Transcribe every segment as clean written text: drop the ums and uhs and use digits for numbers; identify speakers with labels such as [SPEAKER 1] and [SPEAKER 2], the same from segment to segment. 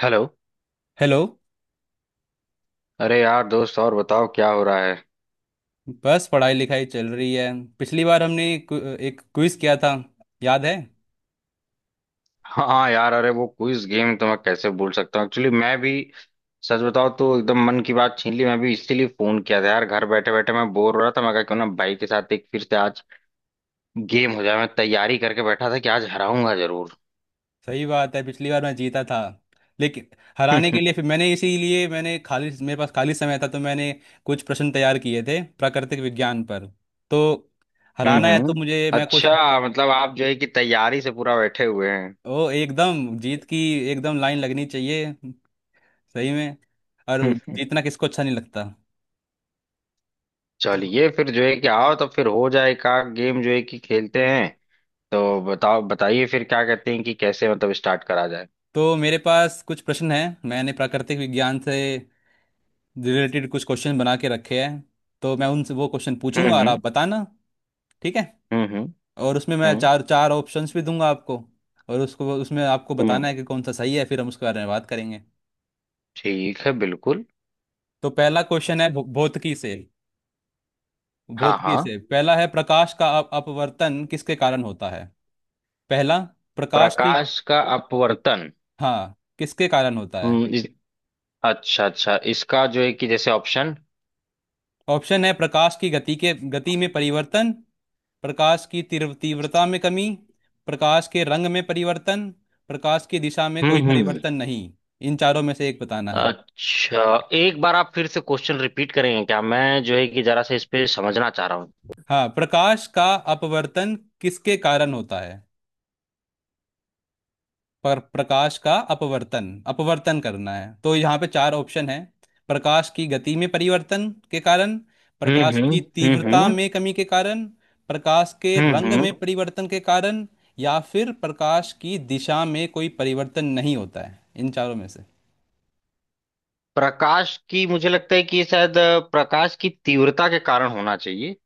[SPEAKER 1] Hello.
[SPEAKER 2] Hello.
[SPEAKER 1] अरे यार दोस्त, और बताओ क्या हो रहा है।
[SPEAKER 2] बस पढ़ाई लिखाई चल रही है। पिछली बार हमने एक क्विज किया था, याद है?
[SPEAKER 1] हाँ यार, अरे वो क्विज गेम तो मैं कैसे भूल सकता हूँ। एक्चुअली मैं भी, सच बताओ तो एकदम मन की बात छीन ली। मैं भी इसीलिए फोन किया था यार, घर बैठे बैठे मैं बोर हो रहा था। मैं कहा क्यों ना भाई के साथ एक फिर से आज गेम हो जाए। मैं तैयारी करके बैठा था कि आज हराऊंगा जरूर।
[SPEAKER 2] सही बात है, पिछली बार मैं जीता था। लेकिन हराने के
[SPEAKER 1] हम्म।
[SPEAKER 2] लिए, फिर मैंने, इसीलिए मैंने, खाली मेरे पास खाली समय था तो मैंने कुछ प्रश्न तैयार किए थे प्राकृतिक विज्ञान पर। तो हराना है तो
[SPEAKER 1] हम्म।
[SPEAKER 2] मुझे, मैं कुछ,
[SPEAKER 1] अच्छा, मतलब आप जो है कि तैयारी से पूरा बैठे हुए हैं।
[SPEAKER 2] ओ एकदम जीत की एकदम लाइन लगनी चाहिए सही में। और जीतना किसको अच्छा नहीं लगता। तो
[SPEAKER 1] चलिए फिर जो है कि आओ तो फिर हो जाए का गेम, जो है कि खेलते हैं। तो बताओ बताइए फिर, क्या कहते हैं कि कैसे मतलब स्टार्ट करा जाए।
[SPEAKER 2] तो मेरे पास कुछ प्रश्न हैं, मैंने प्राकृतिक विज्ञान से रिलेटेड कुछ क्वेश्चन बना के रखे हैं। तो मैं उनसे वो क्वेश्चन पूछूंगा और आप
[SPEAKER 1] हम्म।
[SPEAKER 2] बताना। ठीक है।
[SPEAKER 1] हम्म। हम्म।
[SPEAKER 2] और उसमें मैं
[SPEAKER 1] हम्म।
[SPEAKER 2] चार चार ऑप्शंस भी दूंगा आपको। और उसको उसमें आपको
[SPEAKER 1] हम्म,
[SPEAKER 2] बताना है कि कौन सा सही है, फिर हम उसके बारे में बात करेंगे।
[SPEAKER 1] ठीक है, बिल्कुल।
[SPEAKER 2] तो पहला क्वेश्चन है भौतिकी से।
[SPEAKER 1] हाँ,
[SPEAKER 2] भौतिकी
[SPEAKER 1] हाँ।
[SPEAKER 2] से पहला है, प्रकाश का अपवर्तन किसके कारण होता है? पहला, प्रकाश की।
[SPEAKER 1] प्रकाश का अपवर्तन।
[SPEAKER 2] हाँ, किसके कारण होता है?
[SPEAKER 1] हम्म। अच्छा, अच्छा, इसका जो है कि जैसे ऑप्शन।
[SPEAKER 2] ऑप्शन है, प्रकाश की गति में परिवर्तन। प्रकाश की तीव्रता में कमी। प्रकाश के रंग में परिवर्तन। प्रकाश की दिशा में
[SPEAKER 1] हम्म।
[SPEAKER 2] कोई
[SPEAKER 1] हम्म।
[SPEAKER 2] परिवर्तन नहीं। इन चारों में से एक बताना है।
[SPEAKER 1] अच्छा, एक बार आप फिर से क्वेश्चन रिपीट करेंगे क्या? मैं जो है कि जरा सा इस पे समझना चाह रहा हूँ।
[SPEAKER 2] हाँ, प्रकाश का अपवर्तन किसके कारण होता है? पर प्रकाश का अपवर्तन अपवर्तन करना है, तो यहाँ पे चार ऑप्शन है। प्रकाश की गति में परिवर्तन के कारण।
[SPEAKER 1] हम्म।
[SPEAKER 2] प्रकाश की
[SPEAKER 1] हम्म।
[SPEAKER 2] तीव्रता
[SPEAKER 1] हम्म।
[SPEAKER 2] में कमी के कारण। प्रकाश के
[SPEAKER 1] हम्म।
[SPEAKER 2] रंग में
[SPEAKER 1] हम्म।
[SPEAKER 2] परिवर्तन के कारण। या फिर प्रकाश की दिशा में कोई परिवर्तन नहीं होता है, इन चारों में से।
[SPEAKER 1] प्रकाश की मुझे लगता है कि शायद प्रकाश की तीव्रता के कारण होना चाहिए।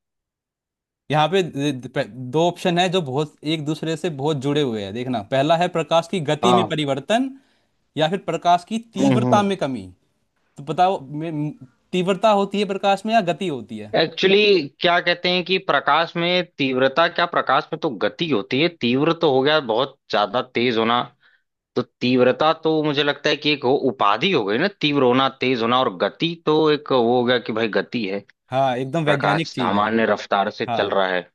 [SPEAKER 2] यहाँ पे दो ऑप्शन है जो बहुत एक दूसरे से बहुत जुड़े हुए हैं, देखना। पहला है प्रकाश की गति में
[SPEAKER 1] हाँ।
[SPEAKER 2] परिवर्तन या फिर प्रकाश की
[SPEAKER 1] हम्म।
[SPEAKER 2] तीव्रता
[SPEAKER 1] हम्म।
[SPEAKER 2] में कमी। तो बताओ, तीव्रता होती है प्रकाश में या गति होती है?
[SPEAKER 1] एक्चुअली क्या कहते हैं कि प्रकाश में तीव्रता क्या? प्रकाश में तो गति होती है। तीव्र तो हो गया बहुत ज्यादा तेज होना। तो तीव्रता तो मुझे लगता है कि एक वो उपाधि हो गई ना, तीव्र होना तेज होना। और गति तो एक वो हो गया कि भाई, गति है।
[SPEAKER 2] हाँ, एकदम
[SPEAKER 1] प्रकाश
[SPEAKER 2] वैज्ञानिक चीज है।
[SPEAKER 1] सामान्य रफ्तार से
[SPEAKER 2] हाँ,
[SPEAKER 1] चल रहा है।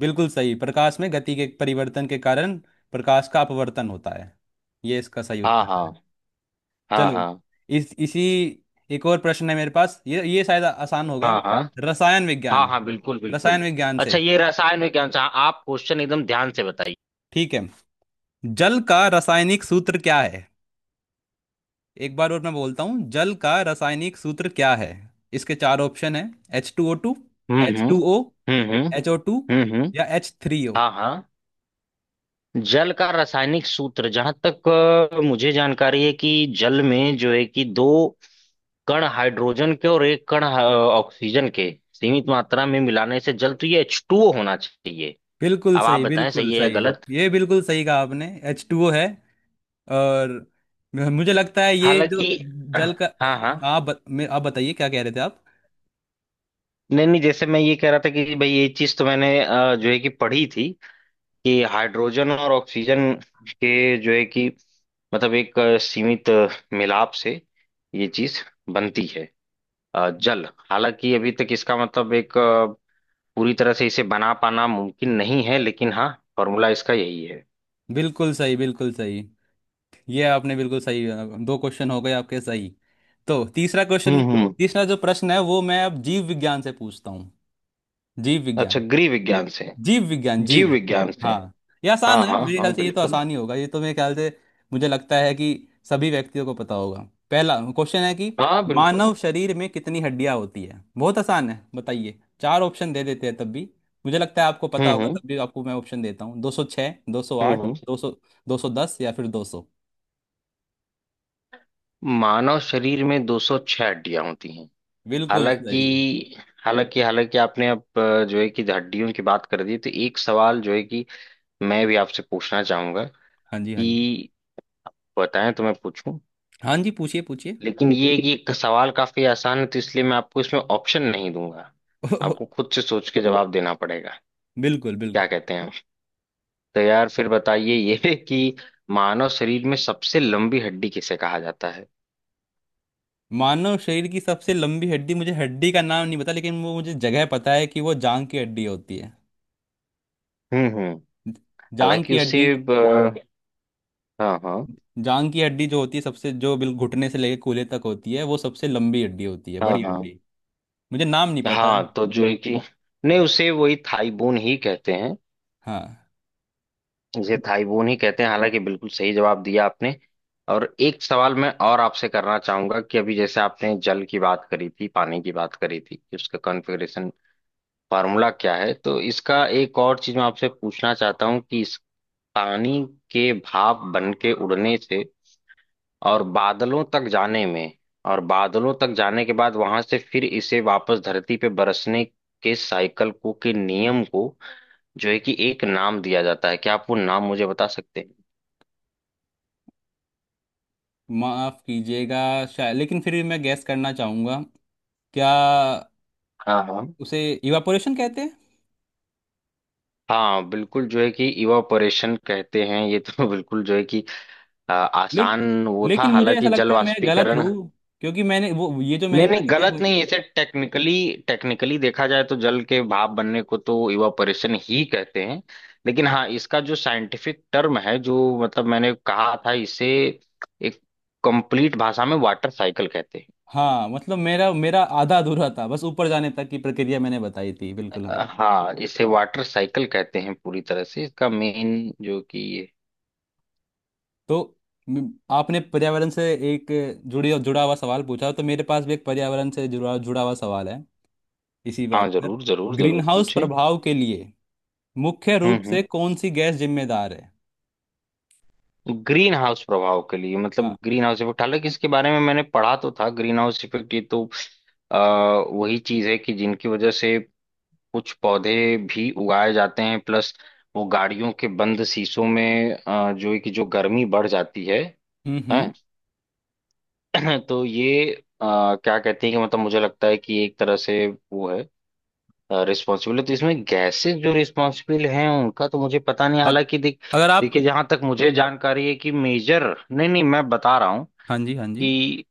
[SPEAKER 2] बिल्कुल सही, प्रकाश में गति के परिवर्तन के कारण प्रकाश का अपवर्तन होता है। ये इसका सही
[SPEAKER 1] हाँ,
[SPEAKER 2] उत्तर
[SPEAKER 1] हाँ।
[SPEAKER 2] है।
[SPEAKER 1] हाँ,
[SPEAKER 2] चलो,
[SPEAKER 1] हाँ।
[SPEAKER 2] इस इसी, एक और प्रश्न है मेरे पास। ये शायद आसान होगा।
[SPEAKER 1] हाँ, हाँ,
[SPEAKER 2] रसायन
[SPEAKER 1] हाँ,
[SPEAKER 2] विज्ञान।
[SPEAKER 1] हाँ, बिल्कुल
[SPEAKER 2] रसायन
[SPEAKER 1] बिल्कुल।
[SPEAKER 2] विज्ञान
[SPEAKER 1] अच्छा,
[SPEAKER 2] से।
[SPEAKER 1] ये रसायन विज्ञान से हाँ, आप क्वेश्चन एकदम ध्यान से बताइए।
[SPEAKER 2] ठीक है, जल का रासायनिक सूत्र क्या है? एक बार और मैं बोलता हूँ, जल का रासायनिक सूत्र क्या है? इसके चार ऑप्शन है। H2O2।
[SPEAKER 1] हम्म।
[SPEAKER 2] H
[SPEAKER 1] hmm.
[SPEAKER 2] Two O
[SPEAKER 1] hmm. हम्म।
[SPEAKER 2] HO2।
[SPEAKER 1] हम्म।
[SPEAKER 2] या H3O।
[SPEAKER 1] हाँ, हाँ। जल का रासायनिक सूत्र, जहां तक मुझे जानकारी है कि जल में जो है कि दो कण हाइड्रोजन के और एक कण ऑक्सीजन के सीमित मात्रा में मिलाने से जल, तो ये H2O होना चाहिए।
[SPEAKER 2] बिल्कुल
[SPEAKER 1] अब आप
[SPEAKER 2] सही,
[SPEAKER 1] बताएं,
[SPEAKER 2] बिल्कुल
[SPEAKER 1] सही है या
[SPEAKER 2] सही।
[SPEAKER 1] गलत?
[SPEAKER 2] ये बिल्कुल सही कहा आपने, H2O है। और मुझे लगता है ये
[SPEAKER 1] हालांकि।
[SPEAKER 2] जो
[SPEAKER 1] हाँ,
[SPEAKER 2] जल का, हाँ,
[SPEAKER 1] हाँ।
[SPEAKER 2] आप बताइए क्या कह रहे थे आप।
[SPEAKER 1] नहीं, नहीं, जैसे मैं ये कह रहा था कि भाई, ये चीज तो मैंने जो है कि पढ़ी थी कि हाइड्रोजन और ऑक्सीजन के जो है कि मतलब एक सीमित मिलाप से ये चीज बनती है जल। हालांकि अभी तक इसका मतलब एक पूरी तरह से इसे बना पाना मुमकिन नहीं है, लेकिन हाँ, फॉर्मूला इसका यही है।
[SPEAKER 2] बिल्कुल सही, बिल्कुल सही। ये आपने बिल्कुल सही, दो क्वेश्चन हो गए आपके सही। तो तीसरा क्वेश्चन,
[SPEAKER 1] हम्म। हम्म।
[SPEAKER 2] तीसरा जो प्रश्न है वो मैं अब जीव विज्ञान से पूछता हूँ। जीव
[SPEAKER 1] अच्छा,
[SPEAKER 2] विज्ञान।
[SPEAKER 1] गृह विज्ञान से।
[SPEAKER 2] जीव विज्ञान जीव
[SPEAKER 1] जीव
[SPEAKER 2] जी
[SPEAKER 1] विज्ञान से।
[SPEAKER 2] हाँ ये आसान
[SPEAKER 1] हाँ,
[SPEAKER 2] है
[SPEAKER 1] हाँ,
[SPEAKER 2] मेरे ख्याल
[SPEAKER 1] हाँ,
[SPEAKER 2] से, ये तो
[SPEAKER 1] बिल्कुल।
[SPEAKER 2] आसान ही होगा ये तो, मेरे ख्याल से। मुझे लगता है कि सभी व्यक्तियों को पता होगा। पहला क्वेश्चन है कि
[SPEAKER 1] हाँ बिल्कुल।
[SPEAKER 2] मानव शरीर में कितनी हड्डियां होती है? बहुत आसान है, बताइए। चार ऑप्शन दे देते हैं तब भी, मुझे लगता है आपको पता
[SPEAKER 1] हम्म।
[SPEAKER 2] होगा
[SPEAKER 1] हम्म।
[SPEAKER 2] तब भी आपको मैं ऑप्शन देता हूँ। 206, दो सौ
[SPEAKER 1] हम्म।
[SPEAKER 2] आठ
[SPEAKER 1] हम्म।
[SPEAKER 2] 200, 210, या फिर 200।
[SPEAKER 1] मानव शरीर में 206 हड्डियां होती हैं।
[SPEAKER 2] बिल्कुल
[SPEAKER 1] हालांकि।
[SPEAKER 2] सही है।
[SPEAKER 1] हालांकि आपने अब जो है कि हड्डियों की बात कर दी, तो एक सवाल जो है कि मैं भी आपसे पूछना चाहूंगा,
[SPEAKER 2] हाँ जी, हाँ जी।
[SPEAKER 1] कि बताएं तो मैं पूछूं।
[SPEAKER 2] हाँ जी, पूछिए, पूछिए।
[SPEAKER 1] लेकिन ये है कि एक सवाल काफी आसान है, तो इसलिए मैं आपको इसमें ऑप्शन नहीं दूंगा। आपको खुद से सोच के जवाब देना पड़ेगा।
[SPEAKER 2] बिल्कुल,
[SPEAKER 1] क्या
[SPEAKER 2] बिल्कुल।
[SPEAKER 1] कहते हैं आप? तो यार फिर बताइए ये कि मानव शरीर में सबसे लंबी हड्डी किसे कहा जाता है?
[SPEAKER 2] मानव शरीर की सबसे लंबी हड्डी, मुझे हड्डी का नाम नहीं पता लेकिन वो मुझे जगह पता है कि वो जांग की हड्डी होती है।
[SPEAKER 1] हम्म। हम्म।
[SPEAKER 2] जांग
[SPEAKER 1] हालांकि
[SPEAKER 2] की, अच्छा, हड्डी।
[SPEAKER 1] उसे ब- हाँ, हाँ।
[SPEAKER 2] जांग की हड्डी जो होती है, सबसे जो बिल घुटने से लेकर कूल्हे तक होती है, वो सबसे लंबी हड्डी होती है,
[SPEAKER 1] हाँ,
[SPEAKER 2] बड़ी
[SPEAKER 1] हाँ,
[SPEAKER 2] हड्डी। मुझे नाम नहीं पता है।
[SPEAKER 1] हाँ, तो जो है कि नहीं,
[SPEAKER 2] ब-
[SPEAKER 1] उसे वही थाई बोन ही कहते हैं।
[SPEAKER 2] हाँ।
[SPEAKER 1] इसे थाईबून ही कहते हैं। हालांकि बिल्कुल सही जवाब दिया आपने। और एक सवाल मैं और आपसे करना चाहूंगा कि अभी जैसे आपने जल की बात करी थी, पानी की बात करी थी कि उसका कॉन्फ़िगरेशन, फार्मूला क्या है, तो इसका एक और चीज मैं आपसे पूछना चाहता हूँ कि इस पानी के भाप बन के उड़ने से और बादलों तक जाने में, और बादलों तक जाने के बाद वहां से फिर इसे वापस धरती पे बरसने के साइकिल को, के नियम को, जो है कि एक नाम दिया जाता है। क्या आप वो नाम मुझे बता सकते हैं?
[SPEAKER 2] माफ कीजिएगा, शायद, लेकिन फिर भी मैं गैस करना चाहूंगा। क्या
[SPEAKER 1] हाँ, हाँ।
[SPEAKER 2] उसे इवापोरेशन कहते हैं?
[SPEAKER 1] हाँ, बिल्कुल, जो है कि इवापोरेशन कहते हैं ये तो। बिल्कुल, जो है कि
[SPEAKER 2] ले,
[SPEAKER 1] आसान वो था।
[SPEAKER 2] लेकिन मुझे ऐसा
[SPEAKER 1] हालांकि जल
[SPEAKER 2] लगता है मैं गलत
[SPEAKER 1] वाष्पीकरण।
[SPEAKER 2] हूँ, क्योंकि मैंने वो, ये जो मैंने
[SPEAKER 1] नहीं, नहीं,
[SPEAKER 2] प्रक्रिया,
[SPEAKER 1] गलत नहीं। इसे टेक्निकली, देखा जाए तो जल के भाप बनने को तो इवापोरेशन ही कहते हैं। लेकिन हाँ, इसका जो साइंटिफिक टर्म है, जो मतलब मैंने कहा था, इसे एक कंप्लीट भाषा में वाटर साइकिल कहते हैं।
[SPEAKER 2] हाँ मतलब मेरा मेरा आधा अधूरा था, बस ऊपर जाने तक की प्रक्रिया मैंने बताई थी, बिल्कुल हाँ।
[SPEAKER 1] हाँ, इसे वाटर साइकिल कहते हैं, पूरी तरह से इसका मेन, जो कि ये।
[SPEAKER 2] तो म- आपने पर्यावरण से एक जुड़ी जुड़ा हुआ सवाल पूछा, तो मेरे पास भी एक पर्यावरण से जुड़ा जुड़ा हुआ सवाल है इसी बात
[SPEAKER 1] हाँ,
[SPEAKER 2] पर।
[SPEAKER 1] जरूर, जरूर,
[SPEAKER 2] ग्रीन
[SPEAKER 1] जरूर
[SPEAKER 2] हाउस
[SPEAKER 1] पूछे।
[SPEAKER 2] प्रभाव के लिए मुख्य
[SPEAKER 1] हम्म।
[SPEAKER 2] रूप
[SPEAKER 1] हम्म।
[SPEAKER 2] से कौन सी गैस जिम्मेदार है?
[SPEAKER 1] ग्रीन हाउस प्रभाव के लिए, मतलब
[SPEAKER 2] हाँ।
[SPEAKER 1] ग्रीन हाउस इफेक्ट, हालांकि इसके बारे में मैंने पढ़ा तो था। ग्रीन हाउस इफेक्ट ये तो आ, वही चीज है कि जिनकी वजह से कुछ पौधे भी उगाए जाते हैं, प्लस वो गाड़ियों के बंद शीशों में जो है कि जो गर्मी बढ़ जाती है,
[SPEAKER 2] हम्म हम्म
[SPEAKER 1] हैं। तो ये क्या कहते हैं कि मतलब मुझे लगता है कि एक तरह से वो है, रिस्पॉन्सिबल है, तो इसमें गैसेस जो रिस्पॉन्सिबल हैं उनका तो मुझे पता नहीं।
[SPEAKER 2] अग-
[SPEAKER 1] हालांकि
[SPEAKER 2] अगर आप,
[SPEAKER 1] देखिए, जहां तक मुझे जानकारी है कि मेजर, नहीं, नहीं, मैं बता रहा हूँ
[SPEAKER 2] हाँ जी, हाँ जी,
[SPEAKER 1] कि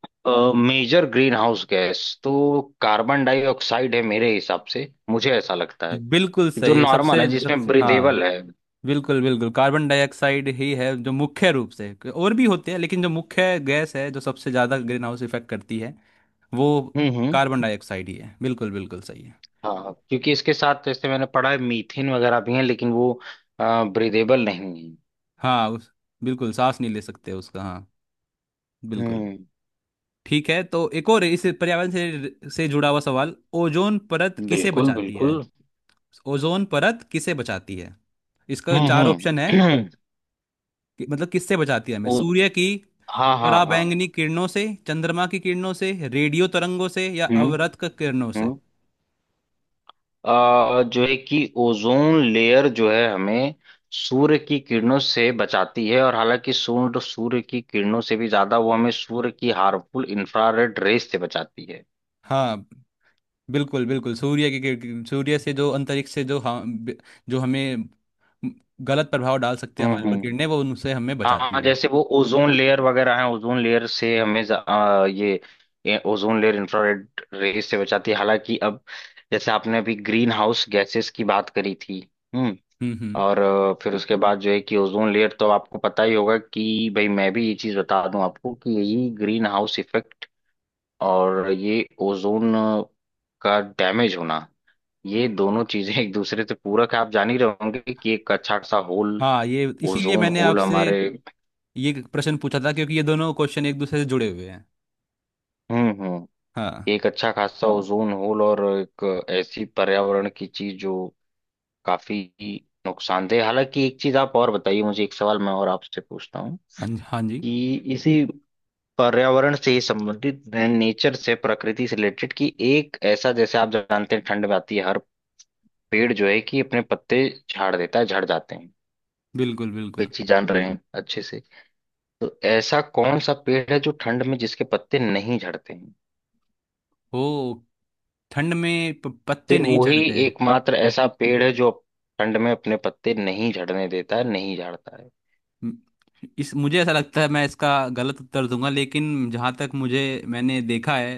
[SPEAKER 1] मेजर ग्रीन हाउस गैस तो कार्बन डाइऑक्साइड है, मेरे हिसाब से मुझे ऐसा लगता है।
[SPEAKER 2] बिल्कुल
[SPEAKER 1] जो
[SPEAKER 2] सही है।
[SPEAKER 1] नॉर्मल
[SPEAKER 2] सबसे
[SPEAKER 1] है,
[SPEAKER 2] सब
[SPEAKER 1] जिसमें
[SPEAKER 2] हाँ,
[SPEAKER 1] ब्रीदेबल है।
[SPEAKER 2] बिल्कुल बिल्कुल, कार्बन डाइऑक्साइड ही है, जो मुख्य रूप से, और भी होते हैं लेकिन जो मुख्य गैस है जो सबसे ज़्यादा ग्रीन हाउस इफेक्ट करती है, वो
[SPEAKER 1] हम्म।
[SPEAKER 2] Carbon
[SPEAKER 1] hmm.
[SPEAKER 2] डाइऑक्साइड ही है, बिल्कुल बिल्कुल सही है।
[SPEAKER 1] हाँ, क्योंकि इसके साथ जैसे मैंने पढ़ा है मीथेन वगैरह भी है, लेकिन वो ब्रीदेबल नहीं है।
[SPEAKER 2] हाँ, उस, बिल्कुल सांस नहीं ले सकते उसका, हाँ, बिल्कुल।
[SPEAKER 1] हम्म,
[SPEAKER 2] ठीक है, तो एक और इस पर्यावरण से जुड़ा हुआ सवाल। ओजोन परत किसे
[SPEAKER 1] बिल्कुल
[SPEAKER 2] बचाती है?
[SPEAKER 1] बिल्कुल।
[SPEAKER 2] ओजोन परत किसे बचाती है? इसका चार
[SPEAKER 1] हम्म।
[SPEAKER 2] ऑप्शन है।
[SPEAKER 1] हम्म।
[SPEAKER 2] मतलब किससे बचाती है हमें,
[SPEAKER 1] ओ,
[SPEAKER 2] सूर्य की
[SPEAKER 1] हाँ, हाँ, हाँ।
[SPEAKER 2] पराबैंगनी किरणों से, चंद्रमा की किरणों से, रेडियो तरंगों से, या
[SPEAKER 1] हम्म।
[SPEAKER 2] अवरक्त किरणों से।
[SPEAKER 1] हम्म। जो है कि ओजोन लेयर जो है हमें सूर्य की किरणों से बचाती है, और हालांकि सूर्य सूर्य की किरणों से भी ज्यादा वो हमें सूर्य की हार्मफुल इंफ्रारेड रेस से बचाती है।
[SPEAKER 2] हाँ, बिल्कुल बिल्कुल, सूर्य की सूर्य से, जो अंतरिक्ष से जो हम, जो हमें गलत प्रभाव डाल सकते हैं हमारे
[SPEAKER 1] हम्म।
[SPEAKER 2] पर,
[SPEAKER 1] हम्म।
[SPEAKER 2] किरणें, वो उनसे हमें
[SPEAKER 1] हाँ,
[SPEAKER 2] बचाती है।
[SPEAKER 1] जैसे वो ओजोन लेयर वगैरह है, ओजोन लेयर से हमें ये ओजोन लेयर इंफ्रारेड रेस से बचाती है। हालांकि अब, जैसे आपने अभी ग्रीन हाउस गैसेस की बात करी थी, हम्म,
[SPEAKER 2] हम्म।
[SPEAKER 1] और फिर उसके बाद जो है कि ओजोन लेयर, तो आपको पता ही होगा कि भाई, मैं भी ये चीज बता दूं आपको कि यही ग्रीन हाउस इफेक्ट और ये ओजोन का डैमेज होना, ये दोनों चीजें एक दूसरे से पूरक है। आप जान ही रहे होंगे कि एक अच्छा खासा होल,
[SPEAKER 2] हाँ, ये इसीलिए
[SPEAKER 1] ओजोन
[SPEAKER 2] मैंने
[SPEAKER 1] होल
[SPEAKER 2] आपसे
[SPEAKER 1] हमारे।
[SPEAKER 2] ये प्रश्न पूछा था, क्योंकि ये दोनों क्वेश्चन एक दूसरे से जुड़े हुए हैं।
[SPEAKER 1] हम्म। हम्म।
[SPEAKER 2] हाँ
[SPEAKER 1] एक अच्छा खासा ओजोन होल, और एक ऐसी पर्यावरण की चीज जो काफी नुकसानदेह। हालांकि एक चीज आप और बताइए मुझे, एक सवाल मैं और आपसे पूछता हूँ
[SPEAKER 2] हाँ जी, हाँ जी।
[SPEAKER 1] कि इसी पर्यावरण से ही संबंधित, नेचर से, प्रकृति से रिलेटेड की, एक ऐसा जैसे आप जानते हैं ठंड में आती है, हर पेड़ जो है कि अपने पत्ते झाड़ देता है, झड़ जाते हैं।
[SPEAKER 2] बिल्कुल,
[SPEAKER 1] कोई
[SPEAKER 2] बिल्कुल।
[SPEAKER 1] चीज जान रहे हैं अच्छे से। तो ऐसा कौन सा पेड़ है जो ठंड में जिसके पत्ते नहीं झड़ते हैं?
[SPEAKER 2] ओ, ठंड में पत्ते
[SPEAKER 1] सिर्फ
[SPEAKER 2] नहीं
[SPEAKER 1] वही
[SPEAKER 2] झड़ते।
[SPEAKER 1] एकमात्र ऐसा पेड़ है जो ठंड में अपने पत्ते नहीं झड़ने देता है, नहीं झाड़ता है।
[SPEAKER 2] म- इस, मुझे ऐसा लगता है मैं इसका गलत उत्तर दूंगा, लेकिन जहाँ तक मुझे, मैंने देखा है,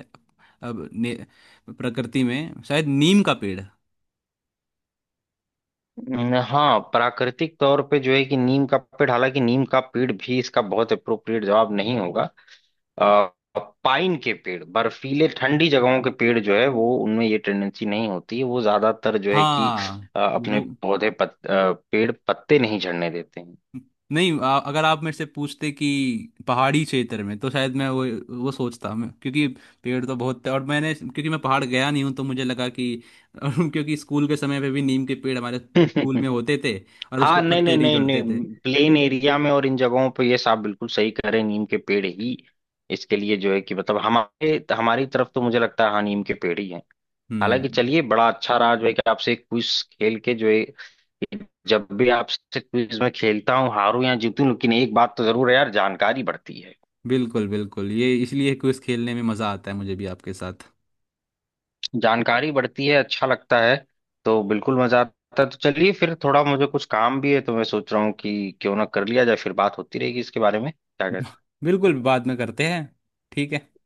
[SPEAKER 2] अब ने, प्रकृति में, शायद नीम का पेड़।
[SPEAKER 1] हाँ, प्राकृतिक तौर पे जो है कि नीम का पेड़। हालांकि नीम का पेड़ भी इसका बहुत अप्रोप्रिएट जवाब नहीं होगा। पाइन के पेड़, बर्फीले ठंडी जगहों के पेड़ जो है, वो उनमें ये टेंडेंसी नहीं होती। वो ज्यादातर जो है कि
[SPEAKER 2] हाँ
[SPEAKER 1] अपने
[SPEAKER 2] वो
[SPEAKER 1] पौधे पेड़ पत्ते नहीं झड़ने देते हैं।
[SPEAKER 2] नहीं, आ, अगर आप मेरे से पूछते कि पहाड़ी क्षेत्र में, तो शायद मैं वो सोचता, मैं क्योंकि पेड़ तो बहुत थे, और मैंने क्योंकि मैं पहाड़ गया नहीं हूँ तो मुझे लगा कि, क्योंकि स्कूल के समय पे भी नीम के पेड़ हमारे स्कूल में होते थे और
[SPEAKER 1] हाँ।
[SPEAKER 2] उसके
[SPEAKER 1] नहीं, नहीं,
[SPEAKER 2] पत्ते नहीं
[SPEAKER 1] नहीं,
[SPEAKER 2] झड़ते थे।
[SPEAKER 1] नहीं, प्लेन एरिया में और इन जगहों पे ये साहब बिल्कुल सही करें, नीम के पेड़ ही इसके लिए जो है कि मतलब हमारे हमारी तरफ तो मुझे लगता है, हाँ, नीम के पेड़ ही हैं।
[SPEAKER 2] हम्म।
[SPEAKER 1] हालांकि चलिए, बड़ा अच्छा रहा जो है कि आपसे क्विज खेल के। जो है जब भी आपसे क्विज में खेलता हूँ, हारूं या जीतूं, लेकिन एक बात तो जरूर है यार, जानकारी बढ़ती है।
[SPEAKER 2] बिल्कुल बिल्कुल, ये इसलिए क्विज खेलने में मज़ा आता है मुझे भी आपके साथ।
[SPEAKER 1] जानकारी बढ़ती है, अच्छा लगता है। तो बिल्कुल मजा आता है। तो चलिए फिर, थोड़ा मुझे कुछ काम भी है तो मैं सोच रहा हूँ कि क्यों ना कर लिया जाए। फिर बात होती रहेगी इसके बारे में, क्या कहते हैं
[SPEAKER 2] बिल्कुल, बाद में करते हैं। ठीक है।